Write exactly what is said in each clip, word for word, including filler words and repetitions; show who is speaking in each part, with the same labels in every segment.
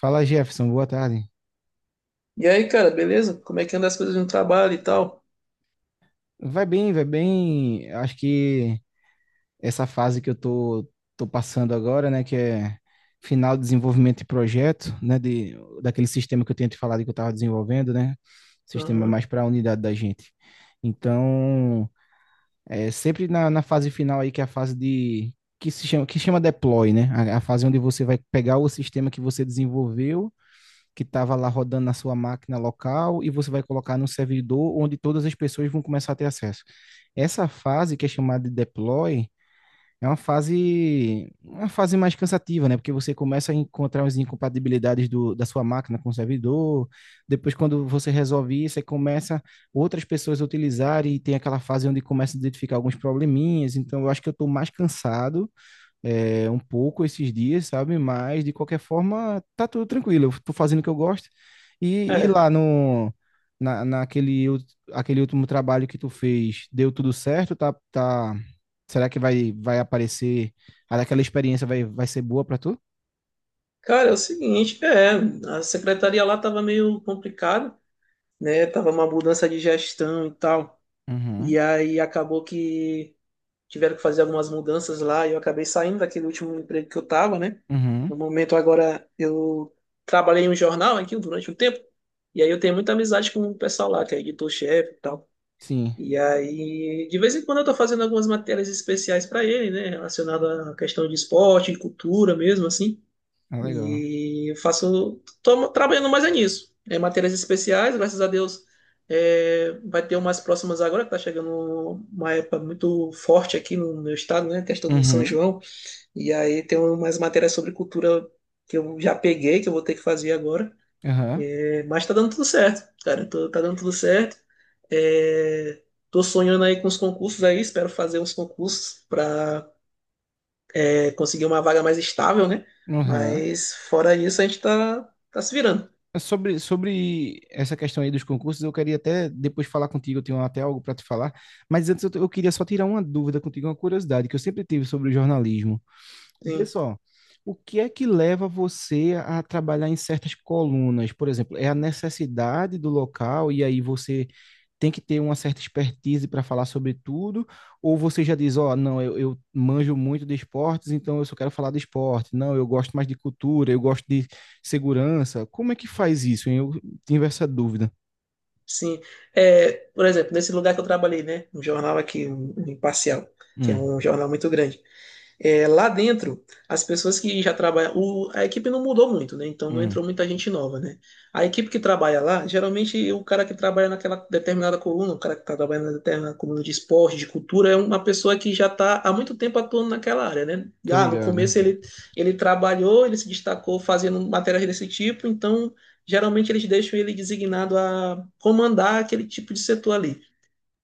Speaker 1: Fala Jefferson, boa tarde.
Speaker 2: E aí, cara, beleza? Como é que anda as coisas no trabalho e tal?
Speaker 1: Vai bem, vai bem. Acho que essa fase que eu tô, tô passando agora, né, que é final de desenvolvimento de projeto, né, de, daquele sistema que eu tinha te falado que eu estava desenvolvendo, né, sistema
Speaker 2: Aham.
Speaker 1: mais para a unidade da gente. Então, é sempre na, na fase final aí, que é a fase de, que se chama, que chama deploy, né, a, a fase onde você vai pegar o sistema que você desenvolveu que estava lá rodando na sua máquina local e você vai colocar no servidor onde todas as pessoas vão começar a ter acesso. Essa fase que é chamada de deploy é uma fase uma fase mais cansativa, né? Porque você começa a encontrar as incompatibilidades do, da sua máquina com o servidor. Depois, quando você resolve isso, aí começa outras pessoas a utilizar e tem aquela fase onde começa a identificar alguns probleminhas. Então, eu acho que eu estou mais cansado é, um pouco esses dias, sabe? Mas de qualquer forma, tá tudo tranquilo. Eu tô fazendo o que eu gosto. E, e
Speaker 2: É.
Speaker 1: lá no na, naquele ult- aquele último trabalho que tu fez, deu tudo certo? Tá, tá. Será que vai vai aparecer? Aquela experiência vai, vai ser boa pra tu?
Speaker 2: Cara, é o seguinte, é, a secretaria lá tava meio complicada, né? Tava uma mudança de gestão e tal.
Speaker 1: Uhum,
Speaker 2: E aí acabou que tiveram que fazer algumas mudanças lá e eu acabei saindo daquele último emprego que eu tava, né?
Speaker 1: uhum,
Speaker 2: No momento agora eu trabalhei em um jornal aqui durante um tempo. E aí eu tenho muita amizade com o pessoal lá, que é editor-chefe e tal.
Speaker 1: sim,
Speaker 2: E aí, de vez em quando eu estou fazendo algumas matérias especiais para ele, né, relacionada à questão de esporte, de cultura mesmo, assim.
Speaker 1: é legal.
Speaker 2: E eu faço, tô trabalhando mais é nisso. É matérias especiais, graças a Deus, é, vai ter umas próximas agora, que tá chegando uma época muito forte aqui no meu estado, né, questão do São
Speaker 1: Uhum,
Speaker 2: João. E aí tem umas matérias sobre cultura que eu já peguei, que eu vou ter que fazer agora.
Speaker 1: aham,
Speaker 2: Mas tá dando tudo certo, cara. Tô- tá dando tudo certo. É, tô sonhando aí com os concursos aí. Espero fazer uns concursos para conseguir uma vaga mais estável, né?
Speaker 1: uhum.
Speaker 2: Mas fora isso, a gente tá, tá se virando.
Speaker 1: É. Sobre, sobre essa questão aí dos concursos, eu queria até depois falar contigo, eu tenho até algo para te falar, mas antes eu, t- eu queria só tirar uma dúvida contigo, uma curiosidade que eu sempre tive sobre o jornalismo. Vê
Speaker 2: Sim,
Speaker 1: só, o que é que leva você a trabalhar em certas colunas? Por exemplo, é a necessidade do local e aí você tem que ter uma certa expertise para falar sobre tudo? Ou você já diz, ó, não, eu, eu manjo muito de esportes, então eu só quero falar de esporte. Não, eu gosto mais de cultura, eu gosto de segurança. Como é que faz isso, hein? Eu tive essa dúvida.
Speaker 2: sim. É, por exemplo, nesse lugar que eu trabalhei, né? Um jornal aqui, um, um Imparcial, que é
Speaker 1: Hum,
Speaker 2: um jornal muito grande. É, lá dentro, as pessoas que já trabalham. O- a equipe não mudou muito, né? Então não
Speaker 1: hum,
Speaker 2: entrou muita gente nova, né? A equipe que trabalha lá, geralmente o cara que trabalha naquela determinada coluna, o cara que está trabalhando na determinada coluna de esporte, de cultura, é uma pessoa que já está há muito tempo atuando naquela área, né? E,
Speaker 1: tô
Speaker 2: ah, no
Speaker 1: ligado.
Speaker 2: começo ele, ele trabalhou, ele se destacou fazendo matérias desse tipo, então geralmente eles deixam ele designado a comandar aquele tipo de setor ali.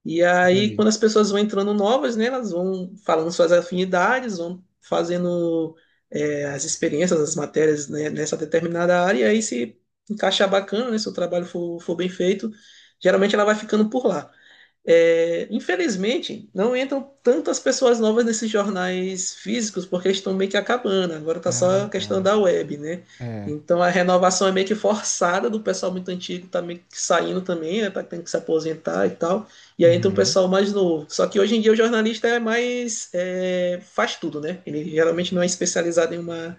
Speaker 2: E aí,
Speaker 1: Entendi.
Speaker 2: quando as pessoas vão entrando novas, né, elas vão falando suas afinidades, vão fazendo é, as experiências, as matérias, né, nessa determinada área, e aí se encaixar bacana, né, se o trabalho for, for bem feito, geralmente ela vai ficando por lá. É, infelizmente, não entram tantas pessoas novas nesses jornais físicos porque estão meio que acabando. Agora tá
Speaker 1: Ah,
Speaker 2: só a questão
Speaker 1: tá.
Speaker 2: da web, né?
Speaker 1: É.
Speaker 2: Então a renovação é meio que forçada do pessoal muito antigo tá meio que saindo também, né? Tá tendo que se aposentar e tal. E aí entra um
Speaker 1: Uhum,
Speaker 2: pessoal mais novo. Só que hoje em dia o jornalista é mais é, faz tudo, né? Ele geralmente não é especializado em uma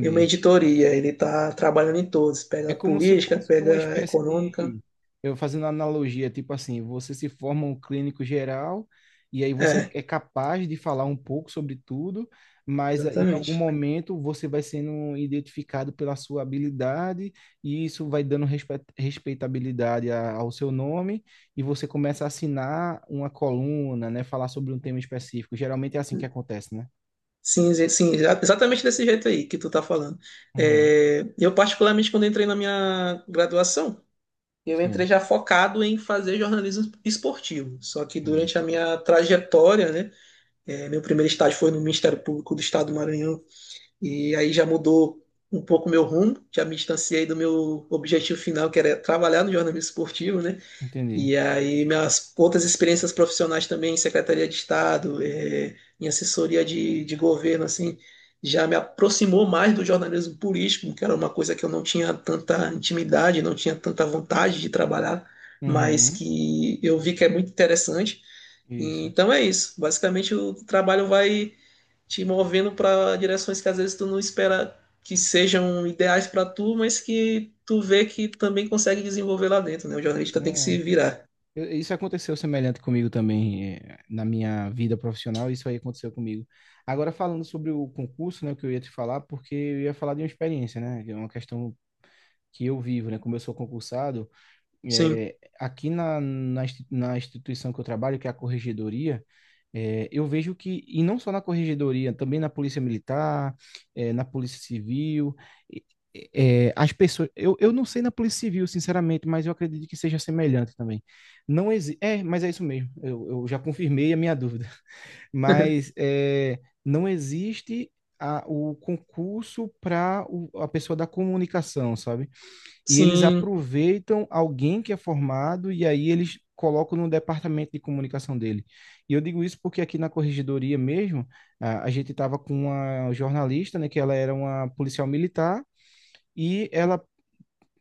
Speaker 2: em uma editoria. Ele tá trabalhando em todos.
Speaker 1: É
Speaker 2: Pega
Speaker 1: como se
Speaker 2: política,
Speaker 1: fosse uma
Speaker 2: pega
Speaker 1: espécie
Speaker 2: econômica.
Speaker 1: de, eu fazendo uma analogia, tipo assim, você se forma um clínico geral e aí você
Speaker 2: É,
Speaker 1: é capaz de falar um pouco sobre tudo, mas eh, em algum
Speaker 2: exatamente.
Speaker 1: momento você vai sendo identificado pela sua habilidade e isso vai dando respe- respeitabilidade a- ao seu nome e você começa a assinar uma coluna, né, falar sobre um tema específico. Geralmente é assim que acontece, né?
Speaker 2: Sim, exa- sim, exa- exatamente desse jeito aí que tu tá falando.
Speaker 1: Uhum.
Speaker 2: É, eu, particularmente, quando entrei na minha graduação, eu entrei
Speaker 1: Sim,
Speaker 2: já focado em fazer jornalismo esportivo. Só que
Speaker 1: entendi.
Speaker 2: durante a minha trajetória, né, é, meu primeiro estágio foi no Ministério Público do Estado do Maranhão, e aí já mudou um pouco meu rumo, já me distanciei do meu objetivo final, que era trabalhar no jornalismo esportivo, né?
Speaker 1: Entendi.
Speaker 2: E aí, minhas outras experiências profissionais também, em Secretaria de Estado, eh, em assessoria de, de governo, assim, já me aproximou mais do jornalismo político, que era uma coisa que eu não tinha tanta intimidade, não tinha tanta vontade de trabalhar, mas
Speaker 1: Uhum.
Speaker 2: que eu vi que é muito interessante.
Speaker 1: Isso.
Speaker 2: Então é isso. Basicamente, o trabalho vai te movendo para direções que às vezes tu não espera que sejam ideais para tu, mas que tu vê que também consegue desenvolver lá dentro, né? O jornalista tem que se
Speaker 1: Não,
Speaker 2: virar.
Speaker 1: Eu- isso aconteceu semelhante comigo também, eh, na minha vida profissional, isso aí aconteceu comigo. Agora, falando sobre o concurso, né, o que eu ia te falar, porque eu ia falar de uma experiência, né, que é uma questão que eu vivo, né, como eu sou concursado,
Speaker 2: Sim,
Speaker 1: é, aqui na, na, insti- na instituição que eu trabalho, que é a Corregedoria, é, eu vejo que, e não só na Corregedoria, também na Polícia Militar, é, na Polícia Civil, e- é, é, as pessoas. Eu, eu não sei na Polícia Civil, sinceramente, mas eu acredito que seja semelhante também. Não exi- É, mas é isso mesmo. Eu, eu já confirmei a minha dúvida. Mas é, não existe a- o concurso para a pessoa da comunicação, sabe? E eles
Speaker 2: sim,
Speaker 1: aproveitam alguém que é formado e aí eles colocam no departamento de comunicação dele. E eu digo isso porque aqui na corregedoria mesmo, a, a gente estava com uma jornalista, né, que ela era uma policial militar e ela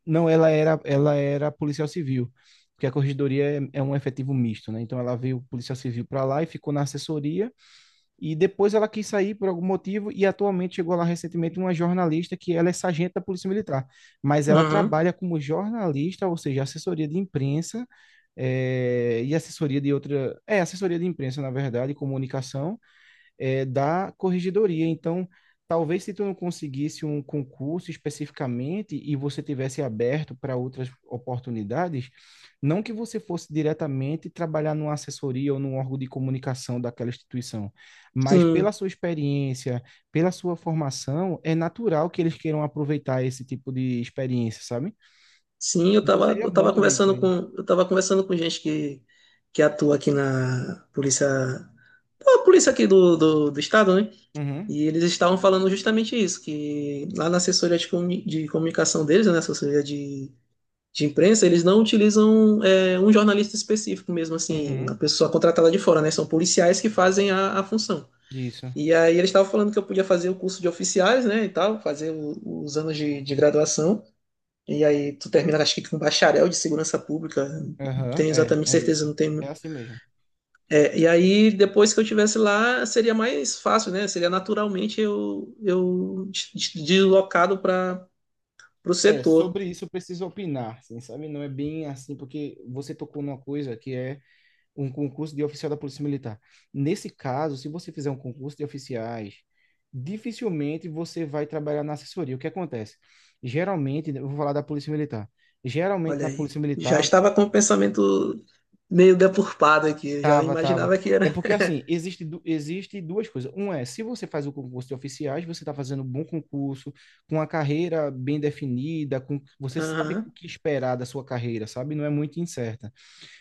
Speaker 1: não, ela era ela era policial civil. Porque a corregedoria é, é um efetivo misto, né? Então ela veio policial civil para lá e ficou na assessoria e depois ela quis sair por algum motivo e atualmente chegou lá recentemente uma jornalista que ela é sargento da Polícia Militar, mas ela
Speaker 2: aham,
Speaker 1: trabalha como jornalista, ou seja, assessoria de imprensa, eh, e assessoria de outra, é assessoria de imprensa na verdade, e comunicação, é, da corregedoria. Então, talvez se tu não conseguisse um concurso especificamente e você tivesse aberto para outras oportunidades, não que você fosse diretamente trabalhar numa assessoria ou num órgão de comunicação daquela instituição, mas pela
Speaker 2: sim,
Speaker 1: sua experiência, pela sua formação, é natural que eles queiram aproveitar esse tipo de experiência, sabe?
Speaker 2: sim, eu
Speaker 1: Então
Speaker 2: tava,
Speaker 1: seria
Speaker 2: eu
Speaker 1: bom
Speaker 2: tava
Speaker 1: tu ver isso
Speaker 2: conversando
Speaker 1: aí.
Speaker 2: com, eu tava conversando com gente que, que atua aqui na polícia, a polícia aqui do, do, do estado, né?
Speaker 1: Uhum,
Speaker 2: E eles estavam falando justamente isso, que lá na assessoria de, comu- de comunicação deles, né, assessoria de, de imprensa, eles não utilizam é, um jornalista específico mesmo, assim, uma
Speaker 1: uhum,
Speaker 2: pessoa contratada de fora, né? São policiais que fazem a, a função.
Speaker 1: isso.
Speaker 2: E aí eles estavam falando que eu podia fazer o curso de oficiais, né, e tal, fazer o- os anos de, de graduação. E aí tu termina, acho que com bacharel de segurança pública, não
Speaker 1: Aham,
Speaker 2: tenho
Speaker 1: é,
Speaker 2: exatamente
Speaker 1: é isso.
Speaker 2: certeza, não
Speaker 1: É
Speaker 2: tenho.
Speaker 1: assim mesmo.
Speaker 2: É, e aí depois que eu tivesse lá, seria mais fácil, né? Seria naturalmente eu, eu des- des- deslocado para o
Speaker 1: É,
Speaker 2: setor.
Speaker 1: sobre isso eu preciso opinar, assim, sabe? Não é bem assim, porque você tocou numa coisa que é um concurso de oficial da Polícia Militar. Nesse caso, se você fizer um concurso de oficiais, dificilmente você vai trabalhar na assessoria. O que acontece? Geralmente, eu vou falar da Polícia Militar. Geralmente
Speaker 2: Olha
Speaker 1: na
Speaker 2: aí,
Speaker 1: Polícia
Speaker 2: já
Speaker 1: Militar.
Speaker 2: estava com o pensamento meio deturpado aqui, eu já
Speaker 1: Tava, tava.
Speaker 2: imaginava que era.
Speaker 1: É porque assim, existe, du- existe duas coisas. Um é, se você faz o concurso de oficiais, você está fazendo um bom concurso, com a carreira bem definida, com você sabe o
Speaker 2: Aham.
Speaker 1: que esperar da sua carreira, sabe? Não é muito incerta.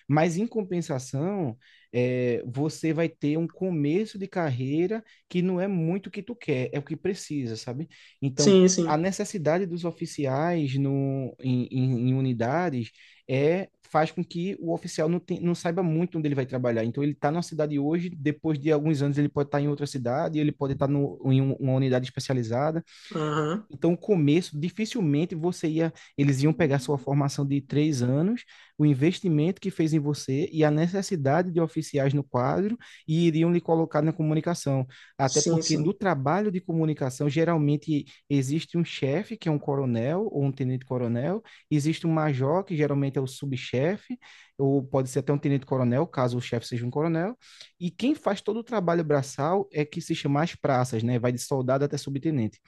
Speaker 1: Mas, em compensação, é, você vai ter um começo de carreira que não é muito o que tu quer, é o que precisa, sabe? Então,
Speaker 2: Sim,
Speaker 1: a
Speaker 2: sim.
Speaker 1: necessidade dos oficiais no, em, em- em unidades é faz com que o oficial não, tem- não saiba muito onde ele vai trabalhar. Então, ele está numa cidade hoje, depois de alguns anos ele pode estar em outra cidade, ele pode estar no, em um- uma unidade especializada.
Speaker 2: Aham.
Speaker 1: Então, o começo, dificilmente você ia, eles iam pegar sua formação de três anos, o investimento que fez em você e a necessidade de oficiais no quadro e iriam lhe colocar na comunicação. Até
Speaker 2: Sim,
Speaker 1: porque no
Speaker 2: sim.
Speaker 1: trabalho de comunicação, geralmente existe um chefe, que é um coronel ou um tenente-coronel, existe um major, que geralmente é o subchefe, ou pode ser até um tenente-coronel, caso o chefe seja um coronel, e quem faz todo o trabalho braçal é que se chama as praças, né? Vai de soldado até subtenente.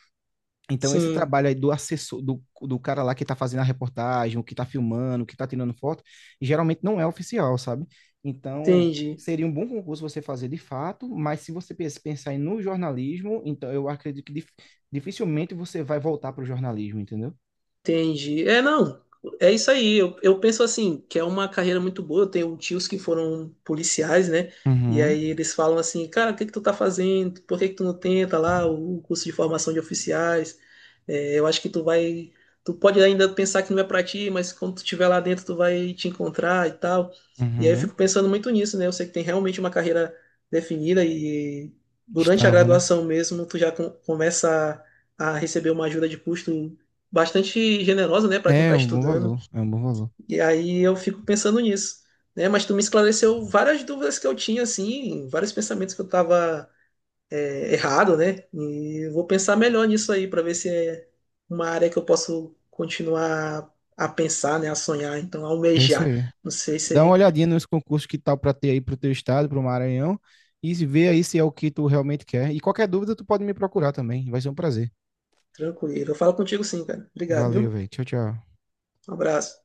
Speaker 1: Então, esse
Speaker 2: Sim,
Speaker 1: trabalho aí do assessor, do, do cara lá que tá fazendo a reportagem, o que tá filmando, o que tá tirando foto, geralmente não é oficial, sabe? Então,
Speaker 2: entendi.
Speaker 1: seria um bom concurso você fazer de fato, mas se você pens- pensar em no jornalismo, então eu acredito que dif- dificilmente você vai voltar para o jornalismo, entendeu?
Speaker 2: Entendi. É, não, é isso aí. Eu, eu penso assim, que é uma carreira muito boa. Eu tenho tios que foram policiais, né? E
Speaker 1: Uhum,
Speaker 2: aí eles falam assim, cara, o que que tu tá fazendo? Por que que tu não tenta lá o curso de formação de oficiais? É, eu acho que tu vai. Tu pode ainda pensar que não é pra ti, mas quando tu estiver lá dentro, tu vai te encontrar e tal. E aí eu
Speaker 1: uhum.
Speaker 2: fico pensando muito nisso, né? Eu sei que tem realmente uma carreira definida e durante a
Speaker 1: Estava, né?
Speaker 2: graduação mesmo, tu já com- começa a a receber uma ajuda de custo bastante generosa, né, para quem
Speaker 1: É
Speaker 2: está
Speaker 1: um bom
Speaker 2: estudando.
Speaker 1: valor, é um bom valor.
Speaker 2: E aí eu fico pensando nisso, né? Mas tu me esclareceu várias dúvidas que eu tinha, assim, vários pensamentos que eu estava errado, né? E eu vou pensar melhor nisso aí para ver se é uma área que eu posso continuar a pensar, né, a sonhar, então a
Speaker 1: É isso
Speaker 2: almejar.
Speaker 1: aí.
Speaker 2: Não sei
Speaker 1: Dá
Speaker 2: se
Speaker 1: uma
Speaker 2: é
Speaker 1: olhadinha nos concursos que tal para ter aí para o teu estado, para o Maranhão, e se vê aí se é o que tu realmente quer. E qualquer dúvida, tu pode me procurar também. Vai ser um prazer.
Speaker 2: tranquilo. Eu falo contigo sim, cara. Obrigado,
Speaker 1: Valeu,
Speaker 2: viu?
Speaker 1: velho. Tchau, tchau.
Speaker 2: Um abraço.